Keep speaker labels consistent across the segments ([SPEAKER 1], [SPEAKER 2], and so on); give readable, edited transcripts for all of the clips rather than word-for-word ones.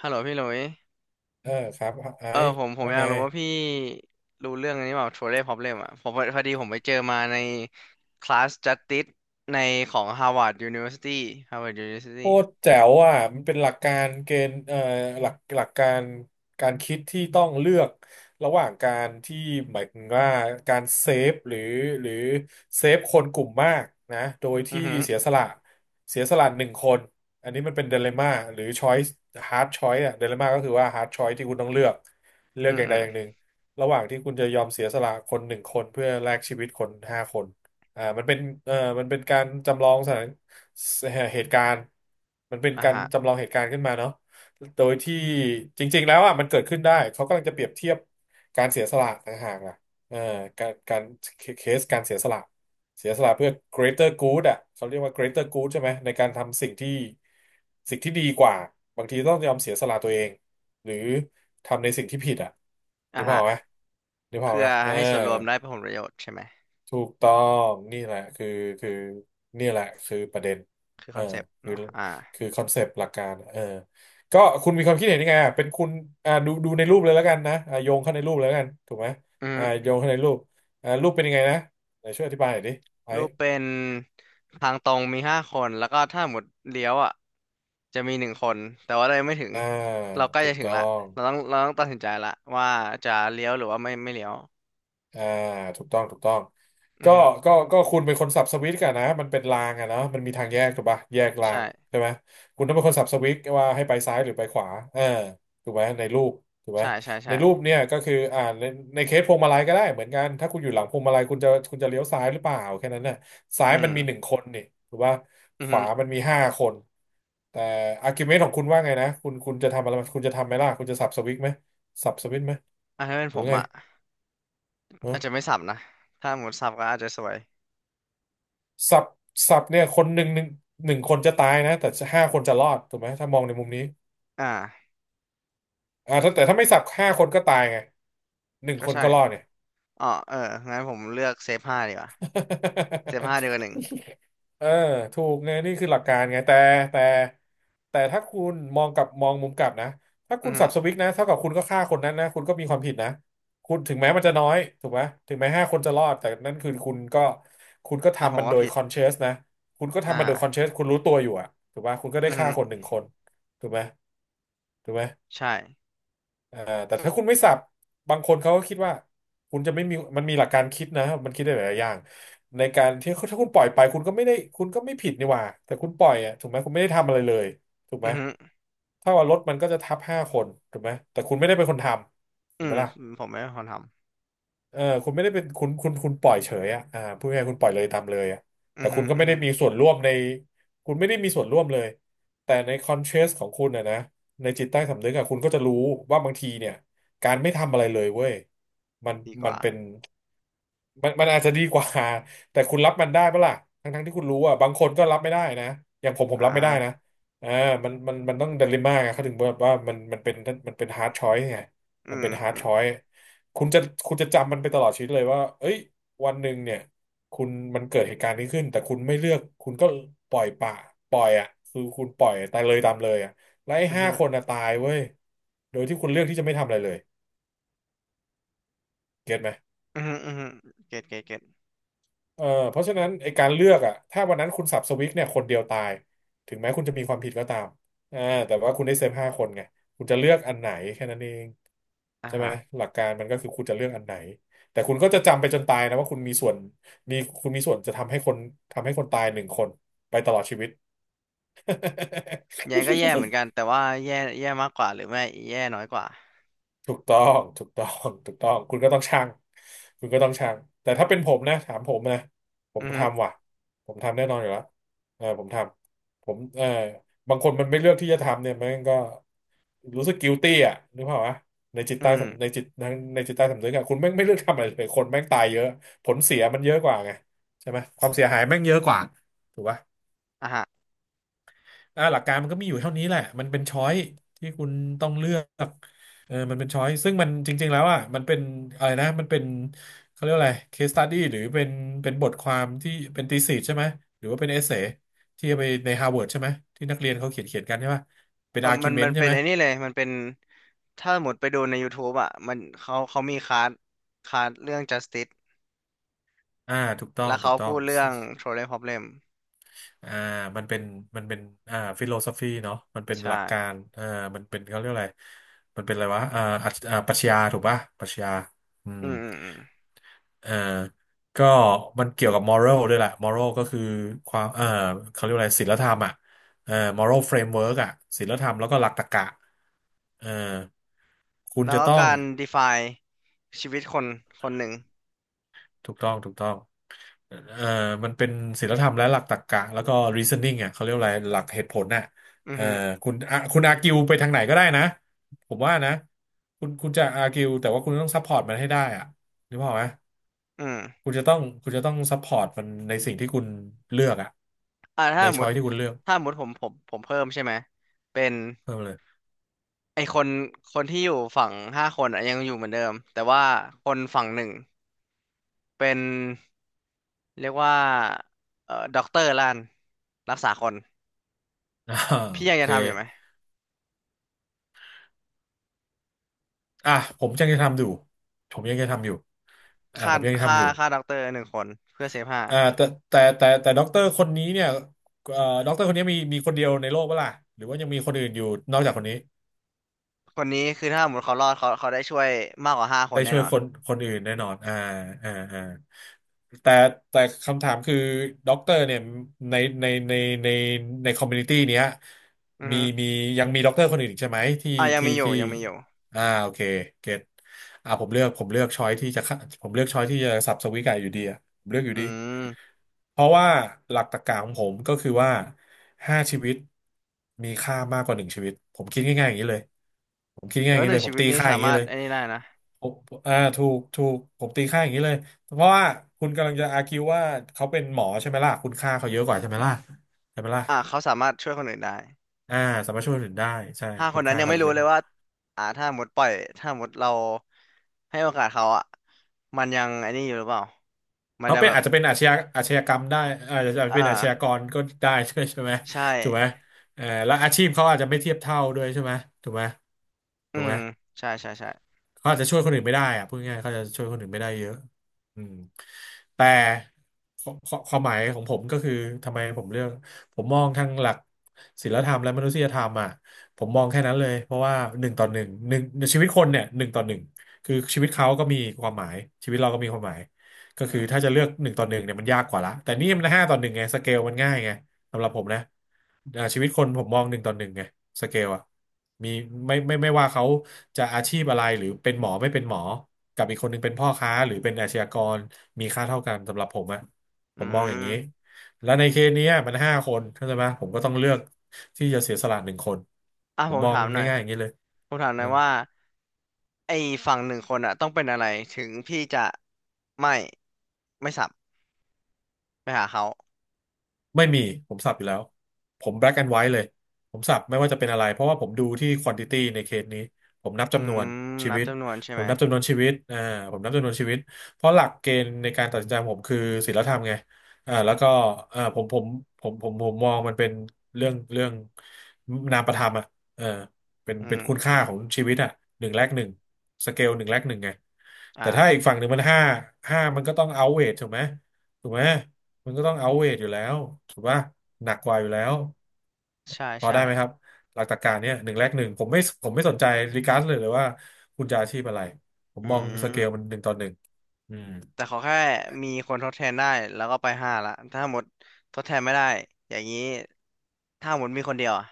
[SPEAKER 1] ฮัลโหลพี่หลุย
[SPEAKER 2] เออครับไอ้
[SPEAKER 1] เออผมผม
[SPEAKER 2] ว่า
[SPEAKER 1] อยา
[SPEAKER 2] ไง
[SPEAKER 1] กรู้ว่าพี่รู้เรื่องอันนี้เปล่า Trolley Problem อ่ะผมพอพอดีผมไปเจอมาในคลาส Justice ในของ Harvard University Harvard University
[SPEAKER 2] โคตรแจ๋วอ่ะมันเป็นหลักการเกณฑ์หลักการการคิดที่ต้องเลือกระหว่างการที่หมายถึงว่าการเซฟหรือเซฟคนกลุ่มมากนะโดย
[SPEAKER 1] อื
[SPEAKER 2] ที่
[SPEAKER 1] อฮึ
[SPEAKER 2] เสียสละหนึ่งคนอันนี้มันเป็นเดเลม่าหรือช้อย c e ฮาร์ดช้อยสอะเดเลม่าก็คือว่าฮาร์ดช้อยที่คุณต้องเลือกเลือ
[SPEAKER 1] อื
[SPEAKER 2] ก
[SPEAKER 1] อ
[SPEAKER 2] อย่าง
[SPEAKER 1] อื
[SPEAKER 2] ใด
[SPEAKER 1] อ
[SPEAKER 2] อย่างหนึ่งระหว่างที่คุณจะยอมเสียสละคนหนึ่งคนเพื่อแลกชีวิตคนห้าคนอ่ามันเป็นมันเป็นการจำลองสถาน เหตุการณ์มันเป็น
[SPEAKER 1] อ่ะ
[SPEAKER 2] การ
[SPEAKER 1] ฮะ
[SPEAKER 2] จำลองเหตุการณ์ขึ้นมาเนาะโดยที่จริงๆแล้วอ่ะมันเกิดขึ้นได้เขากำลังจะเปรียบเทียบการเสียสละต่างหากล่ะเออการเคสการเสียสละเสียสละเพื่อ greater good อ่ะเขาเรียกว่า greater good ใช่ไหมในการทำสิ่งที่ดีกว่าบางทีต้องยอมเสียสละตัวเองหรือทำในสิ่งที่ผิดอ่ะ
[SPEAKER 1] อ่ะ
[SPEAKER 2] นึกภาพ
[SPEAKER 1] ฮะ
[SPEAKER 2] ออกไหมนึกภาพออ
[SPEAKER 1] เพื่
[SPEAKER 2] ก
[SPEAKER 1] อ
[SPEAKER 2] ไหมเออ
[SPEAKER 1] ให้ส่วนรวมได้ผลประโยชน์ใช่ไหม
[SPEAKER 2] ถูกต้องนี่แหละคือนี่แหละคือประเด็น
[SPEAKER 1] คือ
[SPEAKER 2] เอ
[SPEAKER 1] ค
[SPEAKER 2] อ
[SPEAKER 1] อนเซปต์
[SPEAKER 2] คือ
[SPEAKER 1] เนาะอ่า
[SPEAKER 2] คือคอนเซปต์หลักการเออก็คุณมีความคิดเห็นยังไงอ่ะเป็นคุณอ่าดูในรูปเลยแล้วกันนะอ่าโยงเข้าในรูปเลยแล้วกันถูกไหม
[SPEAKER 1] อือ
[SPEAKER 2] อ่า
[SPEAKER 1] ฮึ
[SPEAKER 2] โยงเข้าในรูปอ่ารูปเป็นยังไงนะไหนช่วยอธิบายหน่อยดิไอ้
[SPEAKER 1] รูปเป็นทางตรงมีห้าคนแล้วก็ถ้าหมดเลี้ยวอ่ะจะมีหนึ่งคนแต่ว่าเรายังไม่ถึง
[SPEAKER 2] อ่า
[SPEAKER 1] เราใกล้
[SPEAKER 2] ถู
[SPEAKER 1] จะ
[SPEAKER 2] ก
[SPEAKER 1] ถึง
[SPEAKER 2] ต้อ
[SPEAKER 1] ละ
[SPEAKER 2] ง
[SPEAKER 1] เราต้องตัดสินใจละว่าจะเลี้ยวหรือว่าไม่เลี้ยว
[SPEAKER 2] อ่าถูกต้องถูกต้อง
[SPEAKER 1] อื
[SPEAKER 2] ก็
[SPEAKER 1] อฮึ
[SPEAKER 2] ก็คุณเป็นคนสับสวิตช์กันนะมันเป็นรางอะเนาะมันมีทางแยกถูกปะแยกรา
[SPEAKER 1] ใช่
[SPEAKER 2] งใช่ไหมคุณต้องเป็นคนสับสวิตช์ว่าให้ไปซ้ายหรือไปขวาเออถูกไหมในรูปถูกไหม
[SPEAKER 1] ใช่ใช่
[SPEAKER 2] ใน
[SPEAKER 1] ใช่
[SPEAKER 2] รูปเนี่ยก็คืออ่าในเคสพวงมาลัยก็ได้เหมือนกันถ้าคุณอยู่หลังพวงมาลัยคุณจะเลี้ยวซ้ายหรือเปล่าแค่นั้นน่ะซ้าย
[SPEAKER 1] อื
[SPEAKER 2] มัน
[SPEAKER 1] ม
[SPEAKER 2] มีหนึ่งคนนี่ถูกปะ
[SPEAKER 1] อื
[SPEAKER 2] ข
[SPEAKER 1] อฮึ
[SPEAKER 2] วามันมีห้าคนแต่อาร์กิวเมนต์ของคุณว่าไงนะคุณจะทำอะไรคุณจะทำไหมล่ะคุณจะสับสวิตช์ไหมสับสวิตช์ไหม
[SPEAKER 1] อ่ะถ้าเป็น
[SPEAKER 2] หรือ
[SPEAKER 1] ผ
[SPEAKER 2] ว่า
[SPEAKER 1] ม
[SPEAKER 2] ไง
[SPEAKER 1] อ่ะอาจจะไม่สับนะ ถ้าหมดสับก็อาจจะสวย
[SPEAKER 2] สับสับเนี่ยคนหนึ่งคนจะตายนะแต่ห้าคนจะรอดถูกไหมถ้ามองในมุมนี้
[SPEAKER 1] อ่า
[SPEAKER 2] อ่าถ้าแต่ถ้าไม่สับห้าคนก็ตายไงหนึ่ง
[SPEAKER 1] ก็
[SPEAKER 2] คน
[SPEAKER 1] ใช่
[SPEAKER 2] ก็รอดเนี่ย
[SPEAKER 1] อ๋อเอองั้นผมเลือกเซฟห้าดีกว่าเซฟห้าดีกว่าหนึ่ง
[SPEAKER 2] เออถูกไงนี่คือหลักการไงแต่แต่ถ้าคุณมองกลับมองมุมกลับนะถ้า
[SPEAKER 1] อื
[SPEAKER 2] คุ
[SPEAKER 1] อ
[SPEAKER 2] ณ
[SPEAKER 1] ฮึ
[SPEAKER 2] สับสวิกนะเท่ากับคุณก็ฆ่าคนนั้นนะคุณก็มีความผิดนะคุณถึงแม้มันจะน้อยถูกไหมถึงแม้ห้าคนจะรอดแต่นั่นคือคุณก็
[SPEAKER 1] อ่ะผ
[SPEAKER 2] ทำ
[SPEAKER 1] ม
[SPEAKER 2] มัน
[SPEAKER 1] ว่า
[SPEAKER 2] โดย
[SPEAKER 1] ผิด
[SPEAKER 2] คอนเช o u สนะคุณก็
[SPEAKER 1] อ
[SPEAKER 2] ทำมันโดยคอนเช
[SPEAKER 1] ่า
[SPEAKER 2] o u สคุณรู้ตัวอยู่อะถูกปะคุณก็ได้
[SPEAKER 1] อือ
[SPEAKER 2] ฆ่า
[SPEAKER 1] ฮึ
[SPEAKER 2] คนหนึ่งคนถูกไหมถูกไหม
[SPEAKER 1] ใช่
[SPEAKER 2] อ่าแต่ถ้าคุณไม่สับบางคนเขาก็คิดว่าคุณจะไม่มีมันมีหลักการคิดนะมันคิดได้หลายอย่างในการที่ถ้าคุณปล่อยไปคุณก็ไม่ได้คุณก็ไม่ผิดนี่หว่าแต่คุณปล่อยอ่ะถูกไหมคุณไม่ได้ทำอะไรเลยถูกไห
[SPEAKER 1] อื
[SPEAKER 2] ม
[SPEAKER 1] อฮึ
[SPEAKER 2] ถ้าว่ารถมันก็จะทับห้าคนถูกไหมแต่คุณไม่ได้เป็นคนทำถู
[SPEAKER 1] อื
[SPEAKER 2] กไหม
[SPEAKER 1] ม
[SPEAKER 2] ล่ะ
[SPEAKER 1] ผมไม่เป็นคนท
[SPEAKER 2] เออคุณไม่ได้เป็นคุณปล่อยเฉยอ่ะอ่าพูดง่ายๆคุณปล่อยเลยตามเลยอ่ะ
[SPEAKER 1] ำอื
[SPEAKER 2] แต่
[SPEAKER 1] อฮึ
[SPEAKER 2] คุณก็
[SPEAKER 1] อื
[SPEAKER 2] ไม่
[SPEAKER 1] อ
[SPEAKER 2] ได้
[SPEAKER 1] ฮึ
[SPEAKER 2] มีส่วนร่วมในคุณไม่ได้มีส่วนร่วมเลยแต่ในคอนเชสของคุณนะในจิตใต้สำนึกอ่ะคุณก็จะรู้ว่าบางทีเนี่ยการไม่ทำอะไรเลยเว้ยมัน
[SPEAKER 1] ดีก
[SPEAKER 2] มัน
[SPEAKER 1] ว่า
[SPEAKER 2] เป็น มันอาจจะดีก
[SPEAKER 1] เรา
[SPEAKER 2] ว่า แต่คุณรับมันได้ปะล่ะทั้งที่คุณรู้อ่ะบางคนก็รับไม่ได้นะอย่างผมผม
[SPEAKER 1] อ่
[SPEAKER 2] รับไม่ได้นะ
[SPEAKER 1] า
[SPEAKER 2] อ่ามันต้องดิเลมม่าไงเขาถึงบอกว่ามันเป็นมันเป็นฮาร์ดชอยไง
[SPEAKER 1] อื
[SPEAKER 2] มัน
[SPEAKER 1] ม
[SPEAKER 2] เป็นฮาร์ด
[SPEAKER 1] อื
[SPEAKER 2] ช
[SPEAKER 1] ม
[SPEAKER 2] อยคุณจะคุณจะจำมันไปตลอดชีวิตเลยว่าเอ้ยวันหนึ่งเนี่ยคุณมันเกิดเหตุการณ์นี้ขึ้นแต่คุณไม่เลือกคุณก็ปล่อยปะปล่อยอ่ะคือคุณปล่อยตายเลยตามเลยอ่ะแล้วไอ้
[SPEAKER 1] อือ
[SPEAKER 2] ห้า
[SPEAKER 1] ฮึ
[SPEAKER 2] คนอ่ะตายเว้ยโดยที่คุณเลือกที่จะไม่ทำอะไรเลยเก็ตไหม
[SPEAKER 1] อือฮึอือฮึเก็ตเก็ตเก็ต
[SPEAKER 2] เออเพราะฉะนั้นไอการเลือกอะถ้าวันนั้นคุณสับสวิกเนี่ยคนเดียวตายถึงแม้คุณจะมีความผิดก็ตามอ่าแต่ว่าคุณได้เซฟห้าคนไงคุณจะเลือกอันไหนแค่นั้นเอง
[SPEAKER 1] อ่า
[SPEAKER 2] ใช่ไหม
[SPEAKER 1] ฮะ
[SPEAKER 2] หลักการมันก็คือคุณจะเลือกอันไหนแต่คุณก็จะจำไปจนตายนะว่าคุณมีส่วนมีคุณมีส่วนจะทำให้คนทำให้คนตายหนึ่งคนไปตลอดชีวิต
[SPEAKER 1] แย่ก็แย่เหมือน กัน แต่ว่าแย่แย่มากกว่าหรือไม่แย่น้อยกว่า
[SPEAKER 2] ถูกต้องถูกต้อง ถูกต้อง คุณก็ต้องชั่งคุณก็ต้องชั่งแต่ถ้าเป็นผมนะถามผมนะผม
[SPEAKER 1] อือฮึ
[SPEAKER 2] ทำว่ะผมทำแน่นอนอยู่แล้วเออผมทำผมเออบางคนมันไม่เลือกที่จะทำเนี่ยมันก็รู้สึก guilty อ่ะนึกภาพวะ
[SPEAKER 1] อืม
[SPEAKER 2] ในจิตใต้สำนึกอะคุณแม่งไม่เลือกทำอะไรเลยคนแม่งตายเยอะ ผลเสียมันเยอะกว่าไงใช่ไหมความเสียหายแม่งเยอะกว่าถูกปะ
[SPEAKER 1] อ่า
[SPEAKER 2] หลักการมันก็มีอยู่เท่านี้แหละ มันเป็นช้อยที่คุณต้องเลือกมันเป็นช้อยซึ่งมันจริงๆแล้วอ่ะมันเป็นอะไรนะมันเป็นเขาเรียกว่าอะไร case study หรือเป็นเป็นบทความที่เป็น thesis ใช่ไหม หรือว่าเป็น essay ที่เอาไปใน Harvard ใช่ไหม ที่นักเรียนเขาเขียนกันใช่ป่ะเป็น
[SPEAKER 1] อมันมั
[SPEAKER 2] argument
[SPEAKER 1] น
[SPEAKER 2] ใช่
[SPEAKER 1] เป็น
[SPEAKER 2] ไหม
[SPEAKER 1] ไอ้นี่เลยมันเป็นถ้าหมดไปดูใน YouTube อ่ะมันเขาเขามีคลาสเรื่อง Justice
[SPEAKER 2] อ่าถูกต้อง
[SPEAKER 1] แล้ว
[SPEAKER 2] ถู
[SPEAKER 1] เขา
[SPEAKER 2] กต้อ
[SPEAKER 1] พู
[SPEAKER 2] ง
[SPEAKER 1] ดเรื่อง Trolley Problem
[SPEAKER 2] อ่ามันเป็นมันเป็นฟิโลโซฟีเนาะมันเป็น
[SPEAKER 1] ใช่
[SPEAKER 2] หลักการอ่ามันเป็นเขาเรียกอะไรมันเป็นอะไรวะอ่าอัจอ่าปรัชญาถูกป่ะปรัชญาอืม
[SPEAKER 1] อืมอืมอืม
[SPEAKER 2] อ่าก็มันเกี่ยวกับมอร a l ด้วยแหละมอรัลก็คือความเขาเรียกว่าอะไรศีลธรรมอ่ะมอรัลเฟรมเวิร์กอ่ะศีลธรรมแล้วก็หลักตรรกะเอ่อคุณ
[SPEAKER 1] แล้ว
[SPEAKER 2] จะ
[SPEAKER 1] ก็
[SPEAKER 2] ต้อง
[SPEAKER 1] การ define ชีวิตคนคนหนึ่ง
[SPEAKER 2] ถูกต้องถูกต้องเอ่อมันเป็นศีลธรรมและหลักตรรกะแล้วก็ reasoning อ่ะเขาเรียกว่าอะไรหลักเหตุผลน่ะ
[SPEAKER 1] อือ
[SPEAKER 2] เอ่อ
[SPEAKER 1] ฮึ
[SPEAKER 2] คุณอ่ะคุณอาร์กิวไปทางไหนก็ได้นะผมว่านะคุณจะอาร์กิวแต่ว่าคุณต้องซัพพอร์ตมันให้ได้อ่ะนึกภาพออกไหม
[SPEAKER 1] อืม
[SPEAKER 2] คุณจะต้องซัพพอร์ตมันในสิ่งที่คุณเลือกอะ
[SPEAKER 1] อ่าถ้า
[SPEAKER 2] ใน
[SPEAKER 1] สมม
[SPEAKER 2] ช้อย
[SPEAKER 1] ติ
[SPEAKER 2] ที่คุณเลือก
[SPEAKER 1] ถ้าสมมติผมเพิ่มใช่ไหม เป็น
[SPEAKER 2] เพิ่มเลย
[SPEAKER 1] ไอคนคนที่อยู่ฝั่งห้าคนอะยังอยู่เหมือนเดิม แต่ว่าคนฝั่งหนึ่งเป็นเรียกว่าด็อกเตอร์ล้านรักษาคน
[SPEAKER 2] อ่า
[SPEAKER 1] พี่
[SPEAKER 2] โอ
[SPEAKER 1] ยังจะ
[SPEAKER 2] เค
[SPEAKER 1] ทำอยู่ไหม
[SPEAKER 2] อ่ะผมยังจะทำอยู่ผมยังจะทำอยู่อ่ะ
[SPEAKER 1] ฆ่า
[SPEAKER 2] ผมยังจะ
[SPEAKER 1] ฆ่า
[SPEAKER 2] ทำอยู่
[SPEAKER 1] ฆ่าด็อกเตอร์หนึ่งคนเพื่อเซฟห้า
[SPEAKER 2] อ่าแต่แต่ด็อกเตอร์คนนี้เนี่ยด็อกเตอร์คนนี้มีคนเดียวในโลกเปะล่ะหรือว่ายังมีคนอื่นอยู่นอกจากคนนี้
[SPEAKER 1] คนนี้คือถ้าสมมติเขารอดเขาเขาได้ช่วยมากกว่าห้าคน
[SPEAKER 2] ได้
[SPEAKER 1] แน่
[SPEAKER 2] ช่ว
[SPEAKER 1] น
[SPEAKER 2] ย
[SPEAKER 1] อน
[SPEAKER 2] คนคนอื่นแน่นอนอ่าอ่าแต่แต่คำถามคือด็อกเตอร์เนี่ยในในในในในคอมมูนิตี้เนี้ย
[SPEAKER 1] อือ
[SPEAKER 2] มี
[SPEAKER 1] ฮึ
[SPEAKER 2] มียังมีด็อกเตอร์คนอื่นอีกใช่ไหมที่
[SPEAKER 1] อ่ะยัง
[SPEAKER 2] ที่
[SPEAKER 1] มีอยู่
[SPEAKER 2] ที่
[SPEAKER 1] ยังมีอยู่
[SPEAKER 2] โอเคเก็ตผมเลือกช้อยที่จะฆ่าผมเลือกช้อยที่จะสับสวิกไก่อยู่ดีอ่ะผมเลือกอยู่ดี
[SPEAKER 1] อืม
[SPEAKER 2] เพราะว่าหลักตรรกะของผมก็คือว่าห้าชีวิตมีค่ามากกว่าหนึ่งชีวิตผมคิดง่ายๆอย่างนี้เลยผมคิด
[SPEAKER 1] แต่
[SPEAKER 2] ง่ายๆอย่าง
[SPEAKER 1] ว่าห
[SPEAKER 2] นี้
[SPEAKER 1] นึ่
[SPEAKER 2] เล
[SPEAKER 1] ง
[SPEAKER 2] ยผ
[SPEAKER 1] ชี
[SPEAKER 2] ม
[SPEAKER 1] วิต
[SPEAKER 2] ตี
[SPEAKER 1] นี้
[SPEAKER 2] ค่าอ
[SPEAKER 1] สา
[SPEAKER 2] ย่าง
[SPEAKER 1] มา
[SPEAKER 2] นี้
[SPEAKER 1] รถ
[SPEAKER 2] เลย
[SPEAKER 1] ไอ้นี่ได้นะ
[SPEAKER 2] ผมถูกผมตีค่าอย่างนี้เลยเพราะว่าคุณกำลังจะอาร์คิวว่าเขาเป็นหมอใช่ไหมล่ะคุณค่าเขาเยอะกว่าใช่ไหมล่ะใช่ไหมล่ะ
[SPEAKER 1] อ่ะเขาสามารถช่วยคนอื่นได้
[SPEAKER 2] อ่าสามารถช่วยคนอื่นได้ใช่
[SPEAKER 1] ห้าค
[SPEAKER 2] คุ
[SPEAKER 1] น
[SPEAKER 2] ณ
[SPEAKER 1] นั้น
[SPEAKER 2] ค่า
[SPEAKER 1] ยัง
[SPEAKER 2] เขา
[SPEAKER 1] ไม่
[SPEAKER 2] เย
[SPEAKER 1] รู้
[SPEAKER 2] อะ
[SPEAKER 1] เล
[SPEAKER 2] ก
[SPEAKER 1] ย
[SPEAKER 2] ว่า
[SPEAKER 1] ว่าอ่าถ้าหมดปล่อยถ้าหมดเราให้โอกาสเขาอ่ะมันยังไอ้นี่อยู่หรือเปล่า มัน
[SPEAKER 2] เขา
[SPEAKER 1] จะ
[SPEAKER 2] เป็
[SPEAKER 1] แบ
[SPEAKER 2] น
[SPEAKER 1] บ
[SPEAKER 2] อาจจะเป็นอาชญากรรมได้อาจจะ
[SPEAKER 1] อ่
[SPEAKER 2] เป็นอาชญาก
[SPEAKER 1] า
[SPEAKER 2] รก็ได้ ด้วยใช่ไหม
[SPEAKER 1] ใช่
[SPEAKER 2] ถูกไหมเออแล้วอาชีพเขาอาจจะไม่เทียบเท่าด้วยใช่ไหมถูกไหม
[SPEAKER 1] อื
[SPEAKER 2] ถูกไห
[SPEAKER 1] ม
[SPEAKER 2] ม
[SPEAKER 1] ใช่ใช่ใช่
[SPEAKER 2] เขาอาจจะช่วยคนอื่นไม่ได้อะพูดง่ายๆเขาจะช่วยคนอื่นไม่ได้เยอะอืมแต่ควความหมายของผมก็คือทำไมผมเลือกผมมองทั้งหลักศีลธรรมและมนุษยธรรมอ่ะผมมองแค่นั้นเลยเพราะว่าหนึ่งต่อหนึ่งหนึ่งชีวิตคนเนี่ยหนึ่งต่อหนึ่งคือชีวิตเขาก็มีความหมายชีวิตเราก็มีความหมายก็
[SPEAKER 1] อื
[SPEAKER 2] คือ
[SPEAKER 1] ม
[SPEAKER 2] ถ้าจะเลือกหนึ่งต่อหนึ่งเนี่ยมันยากกว่าละแต่นี่มันห้าต่อหนึ่งไงสเกลมันง่ายไง สำหรับผมนะชีวิตคนผมมองหนึ่งต่อหนึ่งไงสเกลอะมีไม่ว่าเขาจะอาชีพอะไรหรือเป็นหมอไม่เป็นหมอกับอีกคนหนึ่งเป็นพ่อค้าหรือเป็นอาชญากรมีค่าเท่ากันสำหรับผมอะผ
[SPEAKER 1] อื
[SPEAKER 2] มมองอย่าง
[SPEAKER 1] ม
[SPEAKER 2] นี้แล้วในเคสเนี้ยมันห้าคนเข้าใจไหมผมก็ต้องเลือกที่จะเสียสละหนึ่งคน
[SPEAKER 1] อ่ะ
[SPEAKER 2] ผ
[SPEAKER 1] ผ
[SPEAKER 2] ม
[SPEAKER 1] ม
[SPEAKER 2] มอง
[SPEAKER 1] ถามหน่อย
[SPEAKER 2] ง่ายๆอย่างนี้เลย
[SPEAKER 1] ผมถามหน่อยว่า ไอ้ฝั่งหนึ่งคนอะต้องเป็นอะไรถึงพี่จะไม่ไม่สับไปหาเขา
[SPEAKER 2] ไม่มีผมสับอยู่แล้วผม black and white เลยผมสับไม่ว่าจะเป็นอะไรเพราะว่าผมดูที่ quantity ในเคสนี้ผมนับ
[SPEAKER 1] อื
[SPEAKER 2] จำน
[SPEAKER 1] ม
[SPEAKER 2] วนชี
[SPEAKER 1] นับ
[SPEAKER 2] วิต
[SPEAKER 1] จำนวนใช่
[SPEAKER 2] ผ
[SPEAKER 1] ไห
[SPEAKER 2] ม
[SPEAKER 1] ม
[SPEAKER 2] นับจำนวนชีวิตผมนับจำนวนชีวิตเพราะหลักเกณฑ์ในการตัดสินใจของผมคือศีลธรรมไงแล้วก็อ่าผมผมผมมองมันเป็นเรื่องนามประธรรมอ่ะเออเป็น
[SPEAKER 1] อื
[SPEAKER 2] เป็นคุณ
[SPEAKER 1] ม
[SPEAKER 2] ค่าของชีวิตอ่ะหนึ่งแลกหนึ่งสเกลหนึ่งแลกหนึ่งไง
[SPEAKER 1] อ่า
[SPEAKER 2] แต่ถ้าอีกฝั่งหนึ่งมันห้ามันก็ต้องเอาเวทถูกไหม ถูกไหม มันก็ต้องเอาเวทอยู่แล้วถูกป่ะหนักกว่าอยู่แล้ว
[SPEAKER 1] ใช่
[SPEAKER 2] พอ
[SPEAKER 1] ใช่
[SPEAKER 2] ได้ไหมครับหลักตรรกะเนี่ยหนึ่งแลกหนึ่งผมไม่สนใจรีการ์ดเลยว่าคุณจะอาชีพอะไรผม
[SPEAKER 1] อื
[SPEAKER 2] มองสเกลมัน
[SPEAKER 1] ม
[SPEAKER 2] หนึ่งต่อหนึ่งอืม
[SPEAKER 1] แต่ขอแค่มีคนทดแทนได้แล้วก็ไปห้าละถ้าหมดทดแทนไม่ได้อย่างนี้ถ้าหมดมีคนเดียวอะ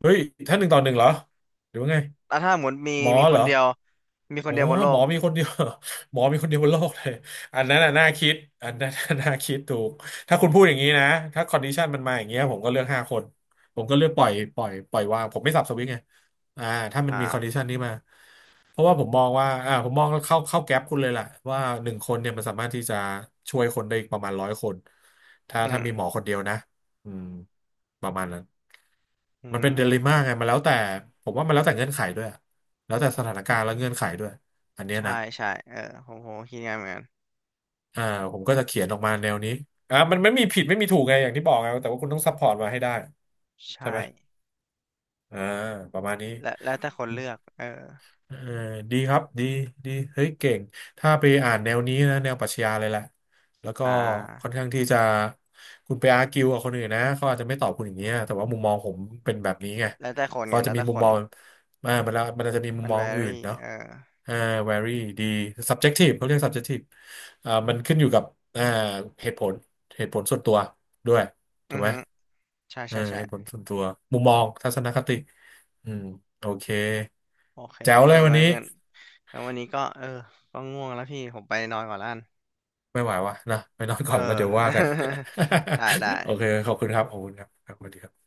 [SPEAKER 2] เฮ้ยถ้าหนึ่งต่อหนึ่งเหรอหรือว่าไง
[SPEAKER 1] แล้วถ้าหมดมี
[SPEAKER 2] หมอ
[SPEAKER 1] มีค
[SPEAKER 2] เหร
[SPEAKER 1] น
[SPEAKER 2] อ
[SPEAKER 1] เดียวมีคน
[SPEAKER 2] โอ้
[SPEAKER 1] เดียวบนโล
[SPEAKER 2] หม
[SPEAKER 1] ก
[SPEAKER 2] อมีคนเดียว หมอมีคนเดียวบนโลกเลยอันนั้นน่ะน่าคิดอันนั้น น่ะน่าคิดถูกถ้าคุณพูดอย่างนี้นะถ้าคอนดิชันมันมาอย่างเงี้ยผมก็เลือกห้าคนผมก็เลือกปล่อยวางผมไม่สับสวิตช์ไงอ่าถ้ามันมีคอนดิ
[SPEAKER 1] อ่า
[SPEAKER 2] ชันนี้มา เพราะว่าผมมองว่าอ่าผมมองเข้าแก๊ปคุณเลยแหละว่าหนึ่งคนเนี่ยมันสามารถที่จะช่วยคนได้อีกประมาณร้อยคนถ้า
[SPEAKER 1] อื
[SPEAKER 2] ถ้า
[SPEAKER 1] ม
[SPEAKER 2] มีหมอคนเดียวนะอืมประมาณนั้น
[SPEAKER 1] อื
[SPEAKER 2] มันเป็นเดลิม่า
[SPEAKER 1] ม
[SPEAKER 2] ไงมันแล้วแต่ผมว่ามันแล้วแต่เงื่อนไขด้วยอะแล้วแต่สถานการณ์และเงื่อนไขด้วยอันเนี้ยนะ
[SPEAKER 1] ใช่ใช่เออผมก็คิดง่ายเหมือนกัน
[SPEAKER 2] อ่าผมก็จะเขียนออกมาแนวนี้อ่ามันไม่มีผิดไม่มีถูกไงอย่างที่บอกไงแต่ว่าคุณต้องซัพพอร์ตมาให้ได้
[SPEAKER 1] ใช
[SPEAKER 2] ใช่
[SPEAKER 1] ่
[SPEAKER 2] ไหมอ่าประมาณนี้
[SPEAKER 1] และแล้วแต่คนเลือกเออ
[SPEAKER 2] เออดีครับ ดีดีเฮ้ยเก่ง ถ้าไปอ่านแนวนี้นะแนวปรัชญาเลยแหละ แล้วก็
[SPEAKER 1] อ่
[SPEAKER 2] ค่อน
[SPEAKER 1] า
[SPEAKER 2] ข้างที่จะคุณไปอาร์กิวกับคนอื่นนะ เขาอาจจะไม่ตอบคุณอย่างเงี้ยแต่ว่ามุมมองผมเป็นแบบนี้ไง
[SPEAKER 1] แล้วแต่คนไง
[SPEAKER 2] เขาจะ
[SPEAKER 1] แล้ว
[SPEAKER 2] มี
[SPEAKER 1] แต่
[SPEAKER 2] มุ
[SPEAKER 1] ค
[SPEAKER 2] ม
[SPEAKER 1] น
[SPEAKER 2] มองอ่ามันละมันอาจจะมีมุม
[SPEAKER 1] มัน
[SPEAKER 2] มองอื่น
[SPEAKER 1] vary
[SPEAKER 2] เนาะ
[SPEAKER 1] เออ
[SPEAKER 2] อ่า vary ดี subjective เขาเรียก subjective อ่ามันขึ้นอยู่กับอ่าเหตุผล เหตุผลส่วนตัวด้วย
[SPEAKER 1] อื
[SPEAKER 2] ถูก
[SPEAKER 1] อ
[SPEAKER 2] ไหม
[SPEAKER 1] ฮึใช่
[SPEAKER 2] เออ
[SPEAKER 1] ใช่ใช่
[SPEAKER 2] เหตุผลส่วนตัว มุมมอง ทัศนคติอืมโอเค
[SPEAKER 1] โอเค
[SPEAKER 2] แจ๋ว
[SPEAKER 1] เออ
[SPEAKER 2] เลยวัน
[SPEAKER 1] งั้น
[SPEAKER 2] นี้
[SPEAKER 1] งั้นแล้ววันนี้ก็เออก็ง่วงแล้วพี่ผมไปนอนก่อนละกัน
[SPEAKER 2] ไม่ไหววะนะไปนอน
[SPEAKER 1] เอ
[SPEAKER 2] ก่อนแล้วเดี๋ยวว่ากั
[SPEAKER 1] อ
[SPEAKER 2] น
[SPEAKER 1] ได้
[SPEAKER 2] โอเค
[SPEAKER 1] ได้
[SPEAKER 2] ขอบคุณครับขอบคุณครับครับสวัสดีครับ